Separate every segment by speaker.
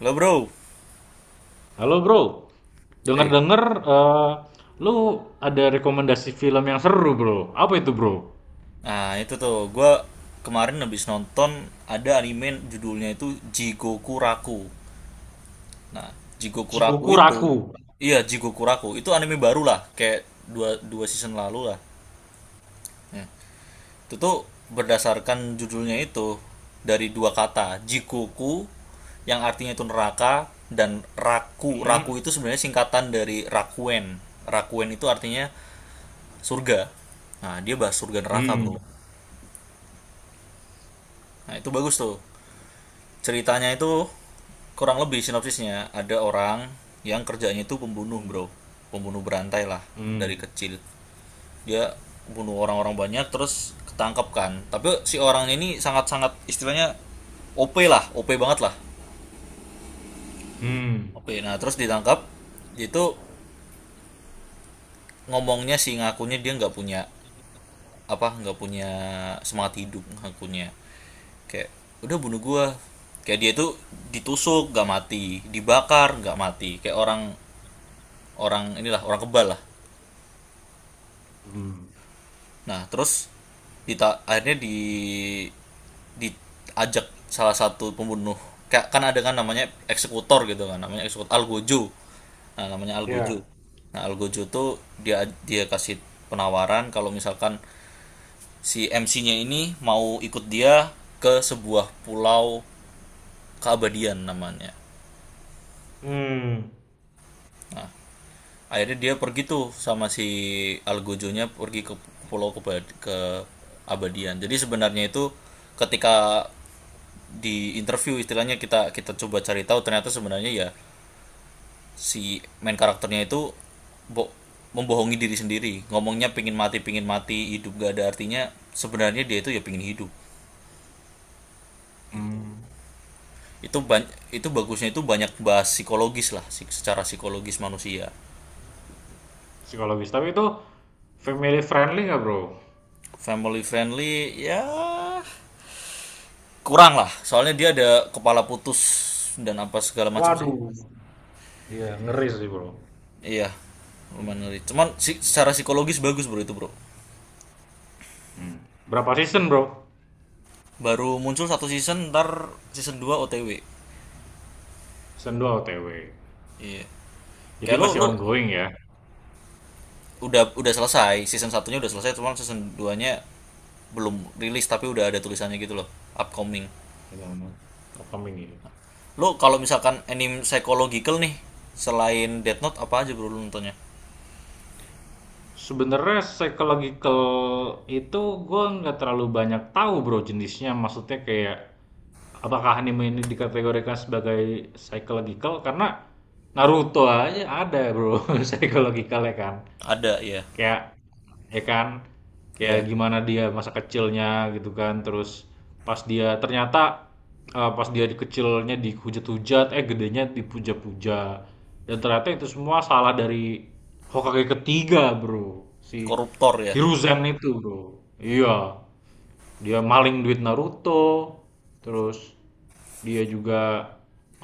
Speaker 1: Lo, bro.
Speaker 2: Halo bro,
Speaker 1: eh,
Speaker 2: denger-denger eh, lu ada rekomendasi film yang seru bro. Apa itu bro?
Speaker 1: nah, itu tuh, gue kemarin habis nonton, ada anime judulnya itu Jigoku Raku. Nah, Jigoku Raku
Speaker 2: Cikuku
Speaker 1: itu,
Speaker 2: Raku.
Speaker 1: iya, Jigoku Raku, itu anime baru lah, kayak dua season lalu lah. Itu tuh berdasarkan judulnya itu dari dua kata, Jigoku yang artinya itu neraka, dan Raku.
Speaker 2: Hmm,
Speaker 1: Raku itu sebenarnya singkatan dari Rakuen. Rakuen itu artinya surga. Nah, dia bahas surga neraka,
Speaker 2: hmm,
Speaker 1: bro. Nah, itu bagus tuh. Ceritanya itu kurang lebih sinopsisnya, ada orang yang kerjanya itu pembunuh, bro, pembunuh berantai lah. Dari
Speaker 2: hmm,
Speaker 1: kecil dia bunuh orang-orang banyak, terus ketangkep kan, tapi si orang ini sangat-sangat istilahnya OP lah, OP banget lah,
Speaker 2: hmm,
Speaker 1: OP. Nah, terus ditangkap, dia itu ngomongnya sih, ngakunya dia nggak punya apa, nggak punya semangat hidup, ngakunya, kayak udah, bunuh gua, kayak dia tuh ditusuk nggak mati, dibakar nggak mati, kayak orang orang inilah, orang kebal lah.
Speaker 2: hmm.
Speaker 1: Nah, terus akhirnya diajak salah satu pembunuh, kayak kan ada kan namanya eksekutor gitu kan, namanya eksekutor Algojo. Nah, namanya Algojo.
Speaker 2: Ya.
Speaker 1: Nah, Algojo tuh dia dia kasih penawaran kalau misalkan si MC-nya ini mau ikut dia ke sebuah pulau keabadian namanya.
Speaker 2: Hmm,
Speaker 1: Akhirnya dia pergi tuh sama si nya pergi ke pulau Abadian. Jadi sebenarnya itu ketika di interview istilahnya kita kita coba cari tahu, ternyata sebenarnya ya, si main karakternya itu bo- membohongi diri sendiri. Ngomongnya pingin mati, pingin mati, hidup gak ada artinya, sebenarnya dia itu ya pingin hidup. Gitu.
Speaker 2: hmm.
Speaker 1: itu ban- itu bagusnya itu banyak bahas psikologis lah, secara psikologis manusia.
Speaker 2: Psikologis. Tapi itu family friendly nggak bro?
Speaker 1: Family friendly ya kurang lah, soalnya dia ada kepala putus dan apa segala macam sih.
Speaker 2: Waduh. Iya, ngeri sih bro.
Speaker 1: Iya, lumayan ngeri, cuman secara psikologis bagus, bro, itu, bro.
Speaker 2: Hmm. Berapa season bro?
Speaker 1: Baru muncul satu season, ntar season 2 OTW.
Speaker 2: Season 2 OTW.
Speaker 1: Iya,
Speaker 2: Jadi
Speaker 1: kayak lu
Speaker 2: masih
Speaker 1: lu
Speaker 2: ongoing ya?
Speaker 1: udah, selesai season satunya, udah selesai, cuman season duanya belum rilis, tapi udah ada tulisannya gitu loh, upcoming.
Speaker 2: Ngomong-ngomong. Upcoming ya.
Speaker 1: Lu kalau misalkan anime psychological nih, selain Death Note apa aja, bro, lu nontonnya?
Speaker 2: Sebenarnya psychological itu gue nggak terlalu banyak tahu bro jenisnya. Maksudnya kayak apakah anime ini dikategorikan sebagai psychological? Karena Naruto aja ada bro psychological, ya kan.
Speaker 1: Ada ya.
Speaker 2: Kayak ya kan, kayak
Speaker 1: Iya,
Speaker 2: gimana dia masa kecilnya gitu kan, terus pas dia ternyata pas dia di kecilnya dihujat-hujat, gedenya dipuja-puja, dan ternyata itu semua salah dari Hokage ketiga bro, si
Speaker 1: koruptor ya.
Speaker 2: Hiruzen itu bro, iya, dia maling duit Naruto, terus dia juga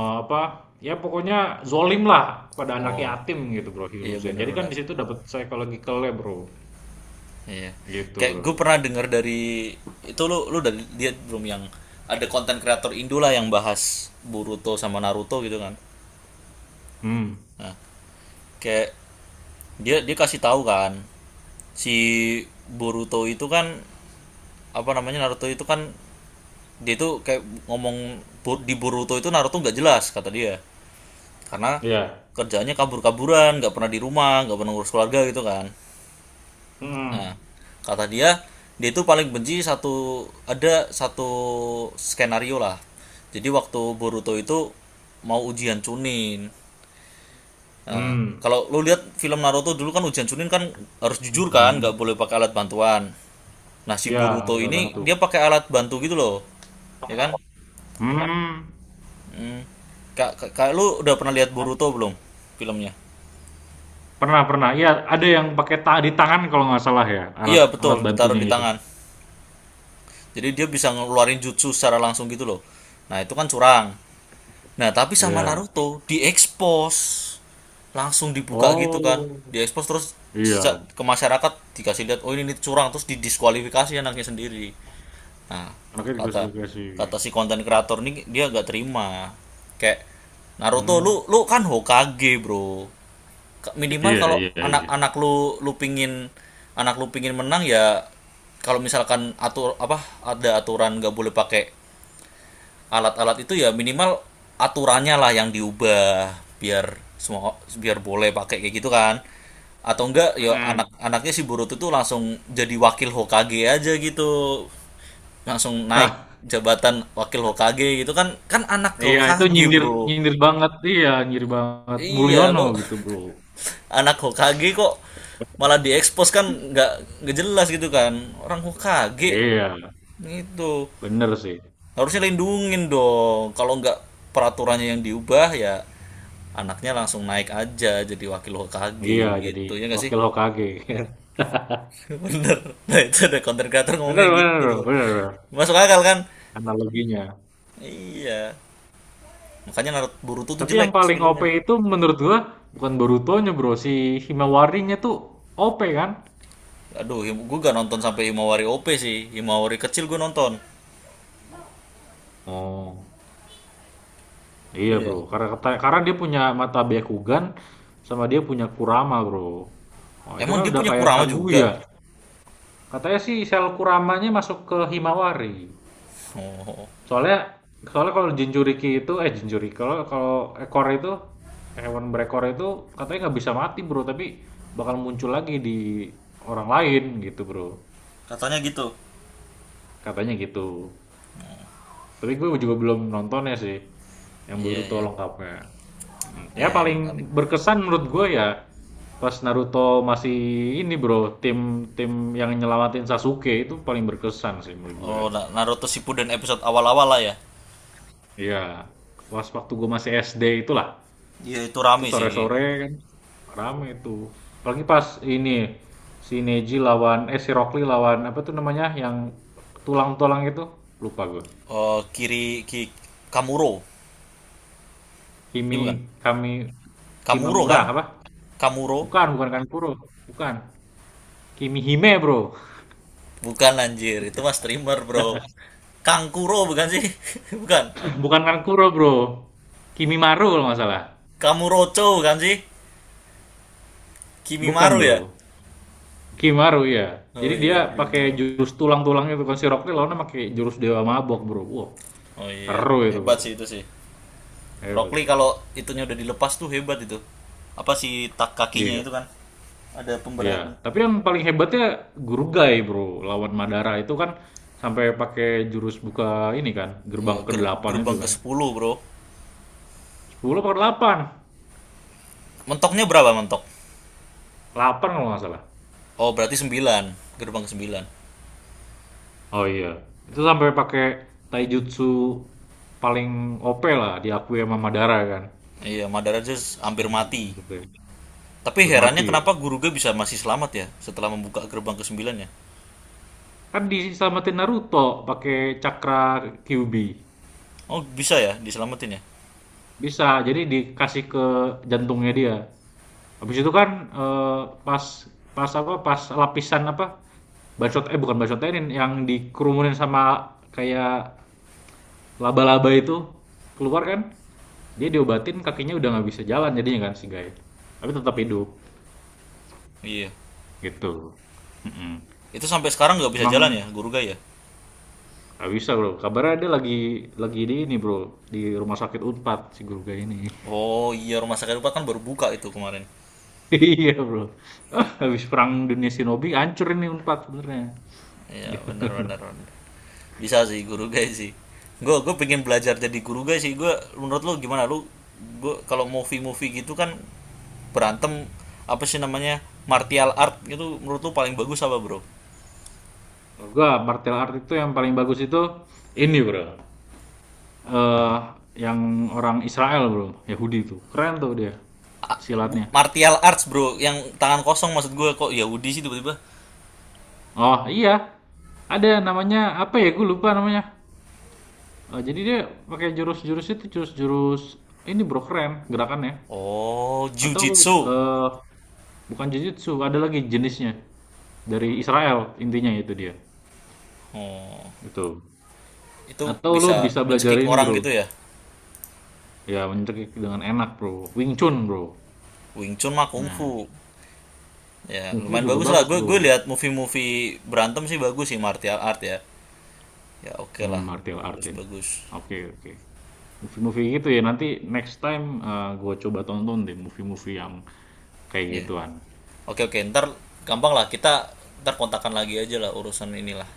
Speaker 2: eh, apa ya pokoknya zolim lah pada anak
Speaker 1: Oh
Speaker 2: yatim gitu bro
Speaker 1: iya,
Speaker 2: Hiruzen, jadi kan
Speaker 1: bener-bener.
Speaker 2: di situ dapat psychological-nya bro,
Speaker 1: Iya.
Speaker 2: gitu
Speaker 1: Kayak
Speaker 2: bro.
Speaker 1: gue pernah denger dari itu, lu lu udah lihat belum yang ada konten kreator Indo lah yang bahas Boruto sama Naruto gitu kan?
Speaker 2: Hmm.
Speaker 1: Kayak dia dia kasih tahu kan, si Boruto itu kan, apa namanya, Naruto itu kan, dia itu kayak ngomong di Boruto itu Naruto nggak jelas, kata dia, karena
Speaker 2: Ya.
Speaker 1: kerjaannya kabur-kaburan, nggak pernah di rumah, nggak pernah ngurus keluarga, gitu kan. Nah,
Speaker 2: Hmm,
Speaker 1: kata dia, dia itu paling benci satu, ada satu skenario lah. Jadi waktu Boruto itu mau ujian Chunin. Nah,
Speaker 2: hmm.
Speaker 1: kalau lo lihat film Naruto dulu kan, ujian Chunin kan harus jujur kan, nggak
Speaker 2: Mhm.
Speaker 1: boleh pakai alat bantuan. Nah, si
Speaker 2: Ya
Speaker 1: Boruto
Speaker 2: pakai alat
Speaker 1: ini
Speaker 2: bantu.
Speaker 1: dia pakai alat bantu gitu loh. Ya kan?
Speaker 2: Hmm.
Speaker 1: Hmm. Kak, kak, kak, lu udah pernah lihat Boruto belum, filmnya?
Speaker 2: Pernah pernah, ya ada yang pakai ta di tangan kalau nggak salah ya, alat
Speaker 1: Iya, betul,
Speaker 2: alat
Speaker 1: ditaruh
Speaker 2: bantunya
Speaker 1: di
Speaker 2: itu.
Speaker 1: tangan. Jadi dia bisa ngeluarin jutsu secara langsung gitu loh. Nah, itu kan curang. Nah, tapi sama
Speaker 2: Ya.
Speaker 1: Naruto diekspos. Langsung dibuka gitu kan.
Speaker 2: Oh
Speaker 1: Diekspos terus
Speaker 2: iya,
Speaker 1: ke masyarakat, dikasih lihat, oh ini, curang, terus didiskualifikasi anaknya sendiri. Nah,
Speaker 2: anaknya
Speaker 1: kata kata
Speaker 2: dikasih.
Speaker 1: si konten kreator nih, dia nggak terima. Kayak, Naruto,
Speaker 2: Hmm.
Speaker 1: lu lu kan Hokage, Bro. Minimal
Speaker 2: Iya,
Speaker 1: kalau
Speaker 2: iya, iya.
Speaker 1: anak-anak lu lu pingin anak lu pingin menang ya, kalau misalkan atur apa, ada aturan nggak boleh pakai alat-alat itu, ya minimal aturannya lah yang diubah, biar semua, biar boleh pakai kayak gitu kan. Atau enggak ya,
Speaker 2: Mm-mm.
Speaker 1: anak-anaknya si Boruto tuh langsung jadi wakil Hokage aja gitu, langsung naik
Speaker 2: Hah,
Speaker 1: jabatan wakil Hokage gitu kan, kan anak
Speaker 2: iya itu
Speaker 1: Hokage,
Speaker 2: nyindir,
Speaker 1: bro.
Speaker 2: nyindir banget, iya nyindir banget
Speaker 1: Iya,
Speaker 2: Mulyono
Speaker 1: lo.
Speaker 2: gitu bro.
Speaker 1: Anak Hokage kok malah diekspos kan, nggak, jelas gitu kan, orang Hokage
Speaker 2: Iya,
Speaker 1: gitu,
Speaker 2: bener sih.
Speaker 1: harusnya lindungin dong. Kalau nggak, peraturannya yang diubah, ya anaknya langsung naik aja jadi wakil HKG
Speaker 2: Iya, jadi
Speaker 1: gitu, ya nggak sih?
Speaker 2: wakil Hokage.
Speaker 1: Bener. Nah, itu ada konten creator ngomongnya
Speaker 2: Bener, bener
Speaker 1: gitu, bro.
Speaker 2: bro, bener bro.
Speaker 1: Masuk akal kan?
Speaker 2: Analoginya.
Speaker 1: Iya, makanya Naruto Boruto tuh
Speaker 2: Tapi yang
Speaker 1: jelek
Speaker 2: paling OP
Speaker 1: filmnya.
Speaker 2: itu menurut gua bukan Borutonya bro, si Himawarinya tuh OP kan.
Speaker 1: Aduh, gue gak nonton sampai Himawari OP sih, Himawari kecil gue nonton.
Speaker 2: Oh iya
Speaker 1: Iya,
Speaker 2: bro, karena karena dia punya mata Byakugan, sama dia punya Kurama bro. Oh itu
Speaker 1: emang
Speaker 2: kan
Speaker 1: dia
Speaker 2: udah
Speaker 1: punya
Speaker 2: kayak
Speaker 1: Kurama juga?
Speaker 2: Kaguya. Katanya sih sel Kuramanya masuk ke Himawari.
Speaker 1: Oh,
Speaker 2: Soalnya, soalnya kalau jinjuriki itu, jinjuriki kalau kalau ekor itu, hewan berekor itu, katanya nggak bisa mati bro, tapi bakal muncul lagi di orang lain gitu bro.
Speaker 1: katanya gitu.
Speaker 2: Katanya gitu. Tapi gue juga belum nontonnya sih, yang
Speaker 1: Iya,
Speaker 2: Boruto
Speaker 1: iya,
Speaker 2: lengkapnya. Ya
Speaker 1: iya, yang menarik.
Speaker 2: paling berkesan menurut gue ya pas Naruto masih ini bro, tim tim yang nyelamatin Sasuke itu paling berkesan sih menurut gue.
Speaker 1: Oh, Naruto Shippuden episode awal-awal lah ya.
Speaker 2: Iya, pas waktu gue masih SD itulah.
Speaker 1: Iya, itu
Speaker 2: Itu
Speaker 1: rame sih.
Speaker 2: sore-sore kan, rame itu. Apalagi pas ini si Neji lawan, si Rockly lawan apa tuh namanya, yang tulang-tulang itu? Lupa gue.
Speaker 1: Eh, kiri ki Kamuro. Ini
Speaker 2: Kimi,
Speaker 1: bukan.
Speaker 2: kami,
Speaker 1: Kamuro
Speaker 2: Kimamura
Speaker 1: kan?
Speaker 2: apa?
Speaker 1: Kamuro.
Speaker 2: Bukan, bukan Kankuro. Bukan. Kimihime, Bro.
Speaker 1: Bukan anjir, itu mas streamer, Bro. Kangkuro bukan sih? Bukan.
Speaker 2: Bukan Kankuro, Bro. Kimimaru kalau nggak salah.
Speaker 1: Kamurocho bukan sih?
Speaker 2: Bukan,
Speaker 1: Kimimaru ya?
Speaker 2: Bro. Kimaru ya.
Speaker 1: Oh
Speaker 2: Jadi dia
Speaker 1: iya,
Speaker 2: pakai
Speaker 1: Kimimaru.
Speaker 2: jurus tulang-tulang itu kan, si Rockly lawannya pakai jurus dewa mabok, Bro. Wah,
Speaker 1: Oh iya,
Speaker 2: seru itu,
Speaker 1: hebat
Speaker 2: Bro.
Speaker 1: sih itu sih. Rock
Speaker 2: Hebat,
Speaker 1: Lee
Speaker 2: Bro.
Speaker 1: kalau itunya udah dilepas tuh hebat itu. Apa sih tak kakinya
Speaker 2: Iya,
Speaker 1: itu kan? Ada
Speaker 2: iya,
Speaker 1: pemberatnya.
Speaker 2: tapi yang paling hebatnya Gurugai, Bro. Lawan Madara itu kan sampai pakai jurus buka ini kan, gerbang
Speaker 1: Iya,
Speaker 2: ke delapan itu
Speaker 1: gerbang ke
Speaker 2: kan.
Speaker 1: sepuluh, Bro.
Speaker 2: Sepuluh apa delapan,
Speaker 1: Mentoknya berapa, mentok?
Speaker 2: delapan kalau nggak salah.
Speaker 1: Oh, berarti sembilan, Gerbang ke-9.
Speaker 2: Oh iya. Itu sampai pakai taijutsu paling OP lah, diakui sama Madara kan.
Speaker 1: Iya, Madara aja
Speaker 2: Si
Speaker 1: hampir mati.
Speaker 2: Gurugai.
Speaker 1: Tapi herannya
Speaker 2: Hampir ya.
Speaker 1: kenapa Guruge bisa masih selamat ya setelah membuka gerbang ke sembilan ya?
Speaker 2: Kan diselamatin Naruto pakai cakra Kyuubi.
Speaker 1: Oh, bisa ya diselamatin ya?
Speaker 2: Bisa, jadi dikasih ke jantungnya dia. Habis itu kan, eee, pas pas apa, pas lapisan apa, bacot, bukan bacotenin, yang dikerumunin sama kayak laba-laba itu keluar kan, dia diobatin, kakinya udah nggak bisa jalan jadinya kan si guy, tapi tetap
Speaker 1: Iya.
Speaker 2: hidup,
Speaker 1: Iya.
Speaker 2: gitu. Mhm.
Speaker 1: Itu sampai sekarang nggak bisa jalan
Speaker 2: Emang
Speaker 1: ya Guruge ya?
Speaker 2: nggak bisa, Bro, kabarnya dia lagi di ini, Bro, di rumah sakit Unpad si guru guy ini.
Speaker 1: Oh, iya, rumah sakit Rupa kan baru buka itu kemarin.
Speaker 2: Iya, Bro. Habis perang dunia shinobi hancur ini Unpad sebenarnya,
Speaker 1: Iya,
Speaker 2: gitu.
Speaker 1: benar, benar. Bisa sih Guruge sih. Gue pengen belajar jadi Guruge sih. Gue, menurut lu gimana, lu? Gue kalau movie-movie gitu kan, berantem, apa sih namanya, martial art itu menurut lu paling bagus apa, Bro?
Speaker 2: Menurut gua martial art itu yang paling bagus itu ini, Bro. Eh yang orang Israel, Bro. Yahudi tuh. Keren tuh dia silatnya.
Speaker 1: Martial arts, bro, yang tangan kosong maksud gue, kok Yahudi sih tiba-tiba?
Speaker 2: Oh, iya. Ada namanya apa ya? Gue lupa namanya. Jadi dia pakai jurus-jurus itu, jurus-jurus ini, Bro, keren gerakannya.
Speaker 1: Oh,
Speaker 2: Atau
Speaker 1: jiu-jitsu?
Speaker 2: eh bukan jujutsu, ada lagi jenisnya. Dari Israel intinya itu dia.
Speaker 1: Oh,
Speaker 2: Gitu.
Speaker 1: itu
Speaker 2: Atau lo
Speaker 1: bisa
Speaker 2: bisa belajar
Speaker 1: mencekik
Speaker 2: ini,
Speaker 1: orang
Speaker 2: Bro.
Speaker 1: gitu ya?
Speaker 2: Ya, mencekik dengan enak, Bro. Wing Chun, Bro.
Speaker 1: Wing Chun mah Kung
Speaker 2: Nah,
Speaker 1: Fu. Ya
Speaker 2: Kungfu
Speaker 1: lumayan
Speaker 2: juga
Speaker 1: bagus lah,
Speaker 2: bagus,
Speaker 1: gue,
Speaker 2: Bro.
Speaker 1: lihat movie-movie berantem sih bagus sih, martial art ya. Ya, oke, okay lah.
Speaker 2: Martial art
Speaker 1: Bagus,
Speaker 2: ya.
Speaker 1: bagus.
Speaker 2: Oke, oke. Movie-movie gitu ya, nanti next time, gue coba tonton deh movie-movie yang kayak
Speaker 1: Ya, yeah.
Speaker 2: gituan.
Speaker 1: Oke, okay, oke, okay. Ntar gampang lah, kita ntar kontakan lagi aja lah urusan inilah.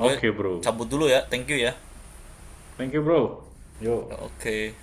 Speaker 1: Gue
Speaker 2: Bro.
Speaker 1: cabut dulu ya, thank you ya.
Speaker 2: Thank you, Bro.
Speaker 1: Ya,
Speaker 2: Yo.
Speaker 1: oke.